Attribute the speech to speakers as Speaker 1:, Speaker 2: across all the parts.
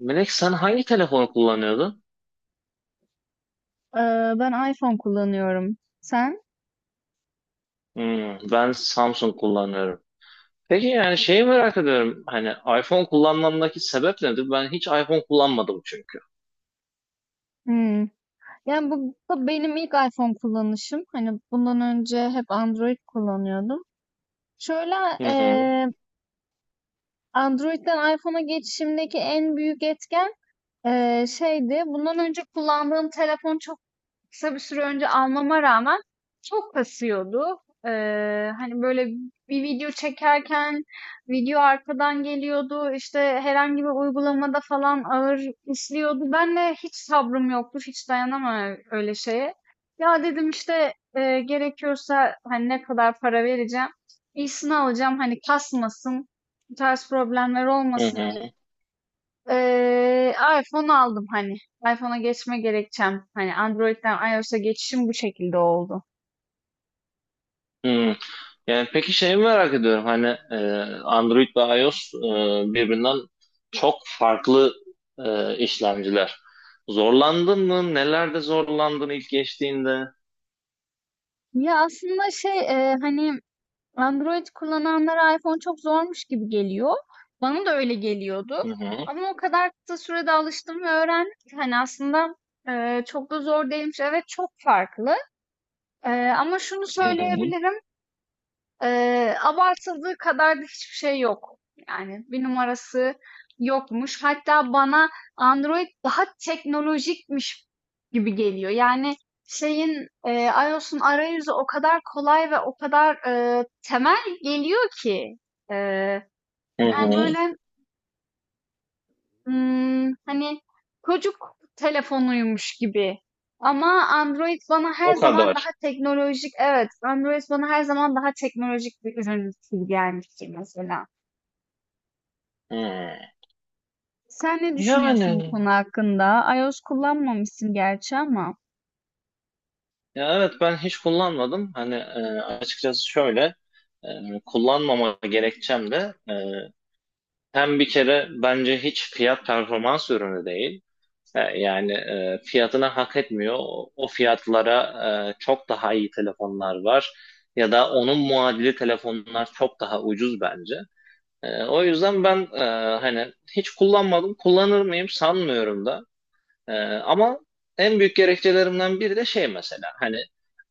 Speaker 1: Melek, sen hangi telefonu kullanıyordun?
Speaker 2: Ben iPhone kullanıyorum. Sen?
Speaker 1: Hmm, ben Samsung kullanıyorum. Peki, yani şeyi merak ediyorum. Hani iPhone kullanmamdaki sebep nedir? Ben hiç iPhone kullanmadım çünkü.
Speaker 2: Hmm. Yani bu benim ilk iPhone kullanışım. Hani bundan önce hep Android kullanıyordum. Şöyle
Speaker 1: Hı hı,
Speaker 2: eee, Android'den iPhone'a geçişimdeki en büyük etken şeydi. Bundan önce kullandığım telefon çok kısa bir süre önce almama rağmen çok kasıyordu. Hani böyle bir video çekerken video arkadan geliyordu. İşte herhangi bir uygulamada falan ağır işliyordu. Ben de hiç sabrım yoktu. Hiç dayanamam öyle şeye. Ya dedim işte gerekiyorsa hani ne kadar para vereceğim. İyisini alacağım. Hani kasmasın. Bu tarz problemler
Speaker 1: hı
Speaker 2: olmasın.
Speaker 1: hı,
Speaker 2: Eee, iPhone aldım hani. iPhone'a geçme gerekçem. Hani Android'den iOS'a geçişim bu şekilde oldu.
Speaker 1: hı. Yani peki şeyi merak ediyorum. Hani Android ve iOS birbirinden çok farklı işlemciler. Zorlandın mı? Nelerde zorlandın ilk geçtiğinde?
Speaker 2: Ya aslında şey hani Android kullananlara iPhone çok zormuş gibi geliyor. Bana da öyle geliyordu.
Speaker 1: Hı hı,
Speaker 2: Ama o kadar kısa sürede alıştım ve öğrendim ki hani aslında çok da zor değilmiş. Evet, çok farklı. E, ama şunu
Speaker 1: hı hı,
Speaker 2: söyleyebilirim. Abartıldığı kadar da hiçbir şey yok. Yani bir numarası yokmuş. Hatta bana Android daha teknolojikmiş gibi geliyor. Yani şeyin iOS'un arayüzü o kadar kolay ve o kadar temel geliyor ki. Eee,
Speaker 1: hı
Speaker 2: yani
Speaker 1: hı.
Speaker 2: böyle hani, çocuk telefonuymuş gibi ama Android bana her
Speaker 1: O
Speaker 2: zaman
Speaker 1: kadar.
Speaker 2: daha teknolojik. Evet, Android bana her zaman daha teknolojik bir ürün gibi gelmiştir mesela.
Speaker 1: Hı.
Speaker 2: Sen ne düşünüyorsun bu
Speaker 1: Yani,
Speaker 2: konu hakkında? iOS kullanmamışsın gerçi ama.
Speaker 1: ya evet ben hiç kullanmadım. Hani açıkçası şöyle e, kullanmama gerekçem de hem bir kere bence hiç fiyat performans ürünü değil. Yani fiyatına hak etmiyor. O fiyatlara çok daha iyi telefonlar var. Ya da onun muadili telefonlar çok daha ucuz bence. O yüzden ben hani hiç kullanmadım. Kullanır mıyım sanmıyorum da. Ama en büyük gerekçelerimden biri de şey mesela. Hani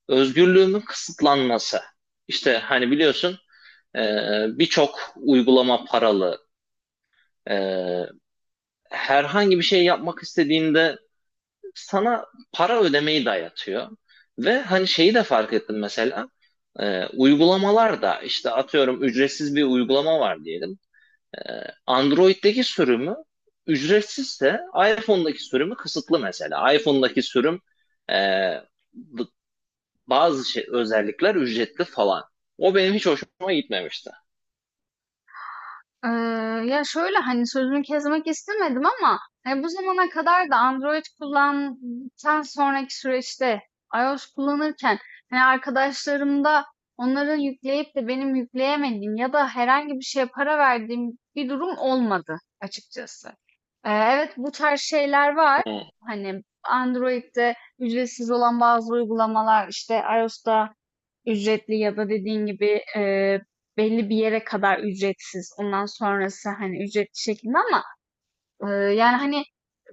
Speaker 1: özgürlüğümün kısıtlanması. İşte hani biliyorsun e, birçok uygulama paralı. E, herhangi bir şey yapmak istediğinde sana para ödemeyi dayatıyor. Ve hani şeyi de fark ettim mesela. Uygulamalar da işte atıyorum ücretsiz bir uygulama var diyelim. E, Android'deki sürümü ücretsizse iPhone'daki sürümü kısıtlı mesela. iPhone'daki sürüm e, bazı şey, özellikler ücretli falan. O benim hiç hoşuma gitmemişti.
Speaker 2: Eee, ya, şöyle, hani, sözünü kesmek istemedim ama, hani, bu zamana kadar da Android kullandıktan sonraki süreçte iOS kullanırken, hani, arkadaşlarımda onların yükleyip de benim yükleyemediğim ya da herhangi bir şeye para verdiğim bir durum olmadı açıkçası. Evet, bu tarz şeyler var.
Speaker 1: Hmm.
Speaker 2: Hani, Android'de ücretsiz olan bazı uygulamalar, işte, iOS'ta ücretli ya da dediğin gibi belli bir yere kadar ücretsiz. Ondan sonrası hani ücretli şeklinde ama yani hani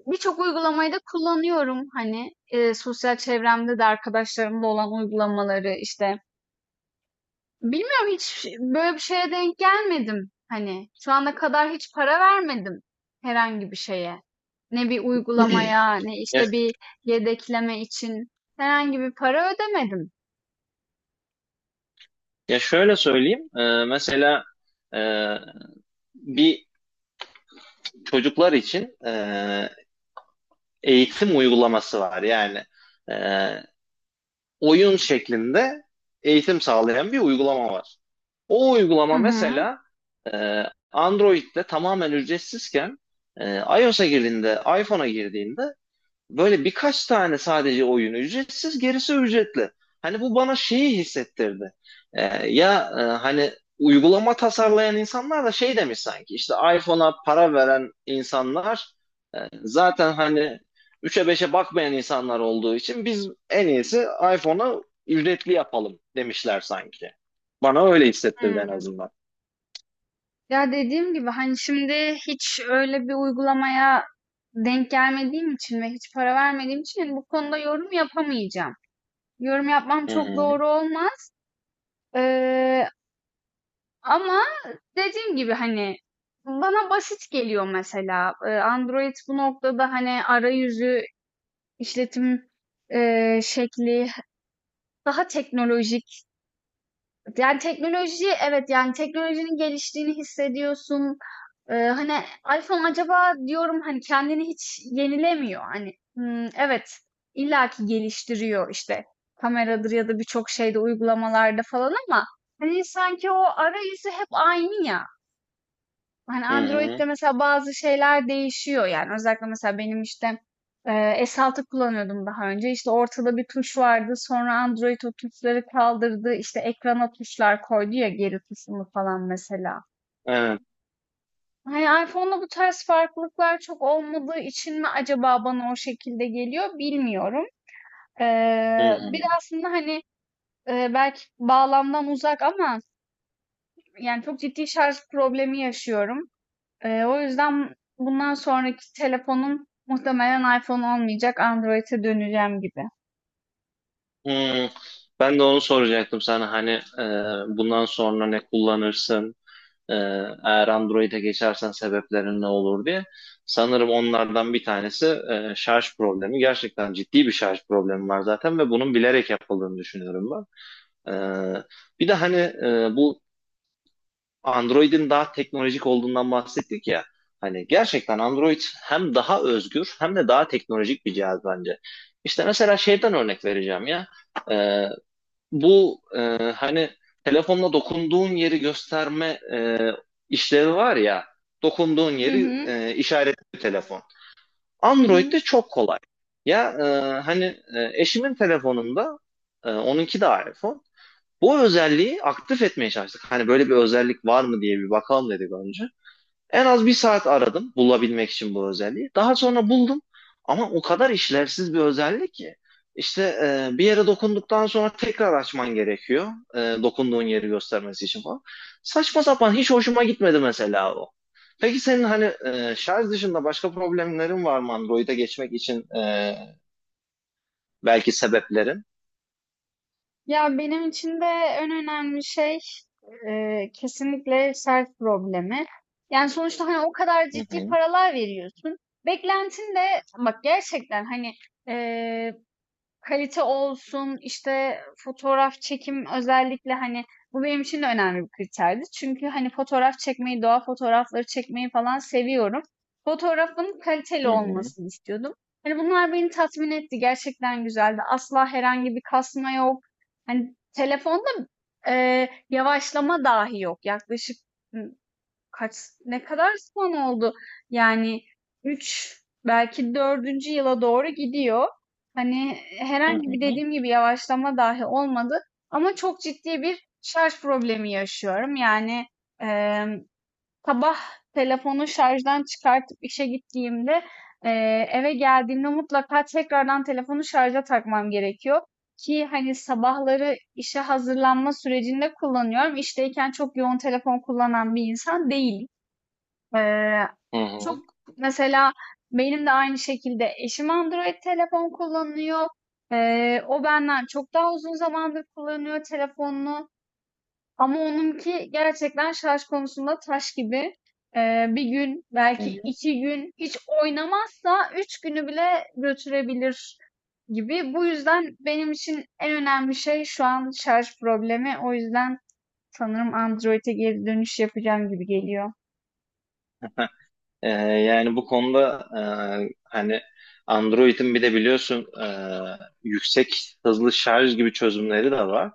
Speaker 2: birçok uygulamayı da kullanıyorum. Hani sosyal çevremde de arkadaşlarımla olan uygulamaları işte. Bilmiyorum, hiç böyle bir şeye denk gelmedim. Hani şu ana kadar hiç para vermedim herhangi bir şeye. Ne bir uygulamaya, ne
Speaker 1: Ya,
Speaker 2: işte bir yedekleme için herhangi bir para ödemedim.
Speaker 1: ya şöyle söyleyeyim. Mesela e, bir çocuklar için eğitim uygulaması var. Yani e, oyun şeklinde eğitim sağlayan bir uygulama var. O
Speaker 2: Hı
Speaker 1: uygulama
Speaker 2: hı.
Speaker 1: mesela e, Android'de tamamen ücretsizken iOS'a girdiğinde, iPhone'a girdiğinde böyle birkaç tane sadece oyun ücretsiz, gerisi ücretli. Hani bu bana şeyi hissettirdi. Ya hani uygulama tasarlayan insanlar da şey demiş sanki, işte iPhone'a para veren insanlar e, zaten hani 3'e beşe bakmayan insanlar olduğu için biz en iyisi iPhone'a ücretli yapalım demişler sanki. Bana öyle hissettirdi en
Speaker 2: Hmm.
Speaker 1: azından.
Speaker 2: Ya dediğim gibi hani şimdi hiç öyle bir uygulamaya denk gelmediğim için ve hiç para vermediğim için hani bu konuda yorum yapamayacağım. Yorum yapmam
Speaker 1: Hı
Speaker 2: çok
Speaker 1: hı,
Speaker 2: doğru olmaz. Ee, ama dediğim gibi hani bana basit geliyor mesela. Android bu noktada hani arayüzü, işletim şekli daha teknolojik. Yani teknoloji, evet, yani teknolojinin geliştiğini hissediyorsun. Hani iPhone acaba diyorum hani kendini hiç yenilemiyor. Hani hmm, evet, illaki geliştiriyor işte kameradır ya da birçok şeyde uygulamalarda falan ama hani sanki o arayüzü hep aynı ya. Hani
Speaker 1: hı hı,
Speaker 2: Android'de mesela bazı şeyler değişiyor, yani özellikle mesela benim işte e, S6 kullanıyordum daha önce, işte ortada bir tuş vardı, sonra Android o tuşları kaldırdı, işte ekrana tuşlar koydu ya, geri tuşunu falan mesela.
Speaker 1: evet,
Speaker 2: Hani iPhone'da bu tarz farklılıklar çok olmadığı için mi acaba bana o şekilde geliyor bilmiyorum.
Speaker 1: hı hı.
Speaker 2: Bir de aslında hani belki bağlamdan uzak ama yani çok ciddi şarj problemi yaşıyorum. O yüzden bundan sonraki telefonum muhtemelen iPhone olmayacak, Android'e döneceğim gibi.
Speaker 1: Hmm, ben de onu soracaktım sana, hani e, bundan sonra ne kullanırsın, e, eğer Android'e geçersen sebeplerin ne olur diye. Sanırım onlardan bir tanesi şarj problemi. Gerçekten ciddi bir şarj problemi var zaten ve bunun bilerek yapıldığını düşünüyorum ben. E, bir de hani bu Android'in daha teknolojik olduğundan bahsettik ya. Hani gerçekten Android hem daha özgür hem de daha teknolojik bir cihaz bence. İşte mesela şeyden örnek vereceğim ya. E, bu hani telefonla dokunduğun yeri gösterme e, işlevi var ya, dokunduğun
Speaker 2: Hı
Speaker 1: yeri
Speaker 2: hı,
Speaker 1: işaretli telefon.
Speaker 2: hı
Speaker 1: Android'de
Speaker 2: hı.
Speaker 1: çok kolay. Ya hani eşimin telefonunda onunki de iPhone. Bu özelliği aktif etmeye çalıştık. Hani böyle bir özellik var mı diye bir bakalım dedik önce. En az bir saat aradım bulabilmek için bu özelliği. Daha sonra buldum ama o kadar işlevsiz bir özellik ki. İşte bir yere dokunduktan sonra tekrar açman gerekiyor. Dokunduğun yeri göstermesi için falan. Saçma sapan, hiç hoşuma gitmedi mesela o. Peki senin, hani şarj dışında başka problemlerin var mı Android'e geçmek için, belki sebeplerin?
Speaker 2: Ya benim için de en önemli şey kesinlikle self problemi. Yani sonuçta hani o kadar
Speaker 1: Hı
Speaker 2: ciddi
Speaker 1: hı,
Speaker 2: paralar veriyorsun. Beklentin de bak gerçekten hani eee kalite olsun, işte, fotoğraf çekim özellikle, hani, bu benim için de önemli bir kriterdi. Çünkü, hani, fotoğraf çekmeyi, doğa fotoğrafları çekmeyi falan seviyorum. Fotoğrafın kaliteli
Speaker 1: hı hı,
Speaker 2: olmasını istiyordum. Hani, bunlar beni tatmin etti. Gerçekten güzeldi. Asla herhangi bir kasma yok. Hani, telefonda, yavaşlama dahi yok. Yaklaşık, Kaç ne kadar sene oldu? Yani üç, belki dördüncü yıla doğru gidiyor. Hani
Speaker 1: hı
Speaker 2: herhangi
Speaker 1: hı,
Speaker 2: bir dediğim gibi yavaşlama dahi olmadı, ama çok ciddi bir şarj problemi yaşıyorum. Yani em, sabah telefonu şarjdan çıkartıp işe gittiğimde e, eve geldiğimde mutlaka tekrardan telefonu şarja takmam gerekiyor ki hani sabahları işe hazırlanma sürecinde kullanıyorum. İşteyken çok yoğun telefon kullanan bir insan değilim. Eee,
Speaker 1: hı
Speaker 2: çok
Speaker 1: hı,
Speaker 2: mesela benim de aynı şekilde eşim Android telefon kullanıyor. O benden çok daha uzun zamandır kullanıyor telefonunu. Ama onunki gerçekten şarj konusunda taş gibi. Bir gün
Speaker 1: hı
Speaker 2: belki
Speaker 1: hı.
Speaker 2: iki gün hiç oynamazsa üç günü bile götürebilir gibi. Bu yüzden benim için en önemli şey şu an şarj problemi. O yüzden sanırım Android'e geri dönüş yapacağım gibi geliyor.
Speaker 1: Yani bu konuda hani Android'in bir de biliyorsun yüksek hızlı şarj gibi çözümleri de var.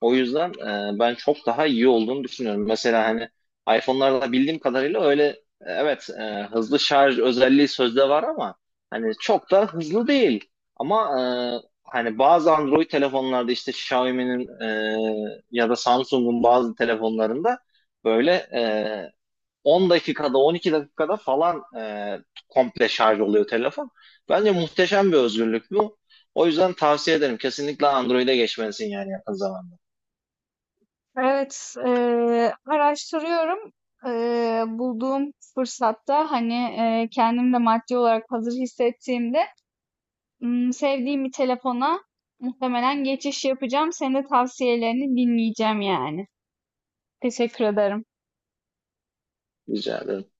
Speaker 1: O yüzden ben çok daha iyi olduğunu düşünüyorum. Mesela hani iPhone'larda bildiğim kadarıyla öyle evet, hızlı şarj özelliği sözde var ama hani çok da hızlı değil. Ama hani bazı Android telefonlarda işte Xiaomi'nin ya da Samsung'un bazı telefonlarında böyle 10 dakikada 12 dakikada falan komple şarj oluyor telefon. Bence muhteşem bir özgürlük bu. O yüzden tavsiye ederim. Kesinlikle Android'e geçmelisin yani, yakın zamanda.
Speaker 2: Evet, araştırıyorum. Bulduğum fırsatta hani kendim de maddi olarak hazır hissettiğimde sevdiğim bir telefona muhtemelen geçiş yapacağım. Senin de tavsiyelerini dinleyeceğim yani. Teşekkür ederim.
Speaker 1: Rica ederim.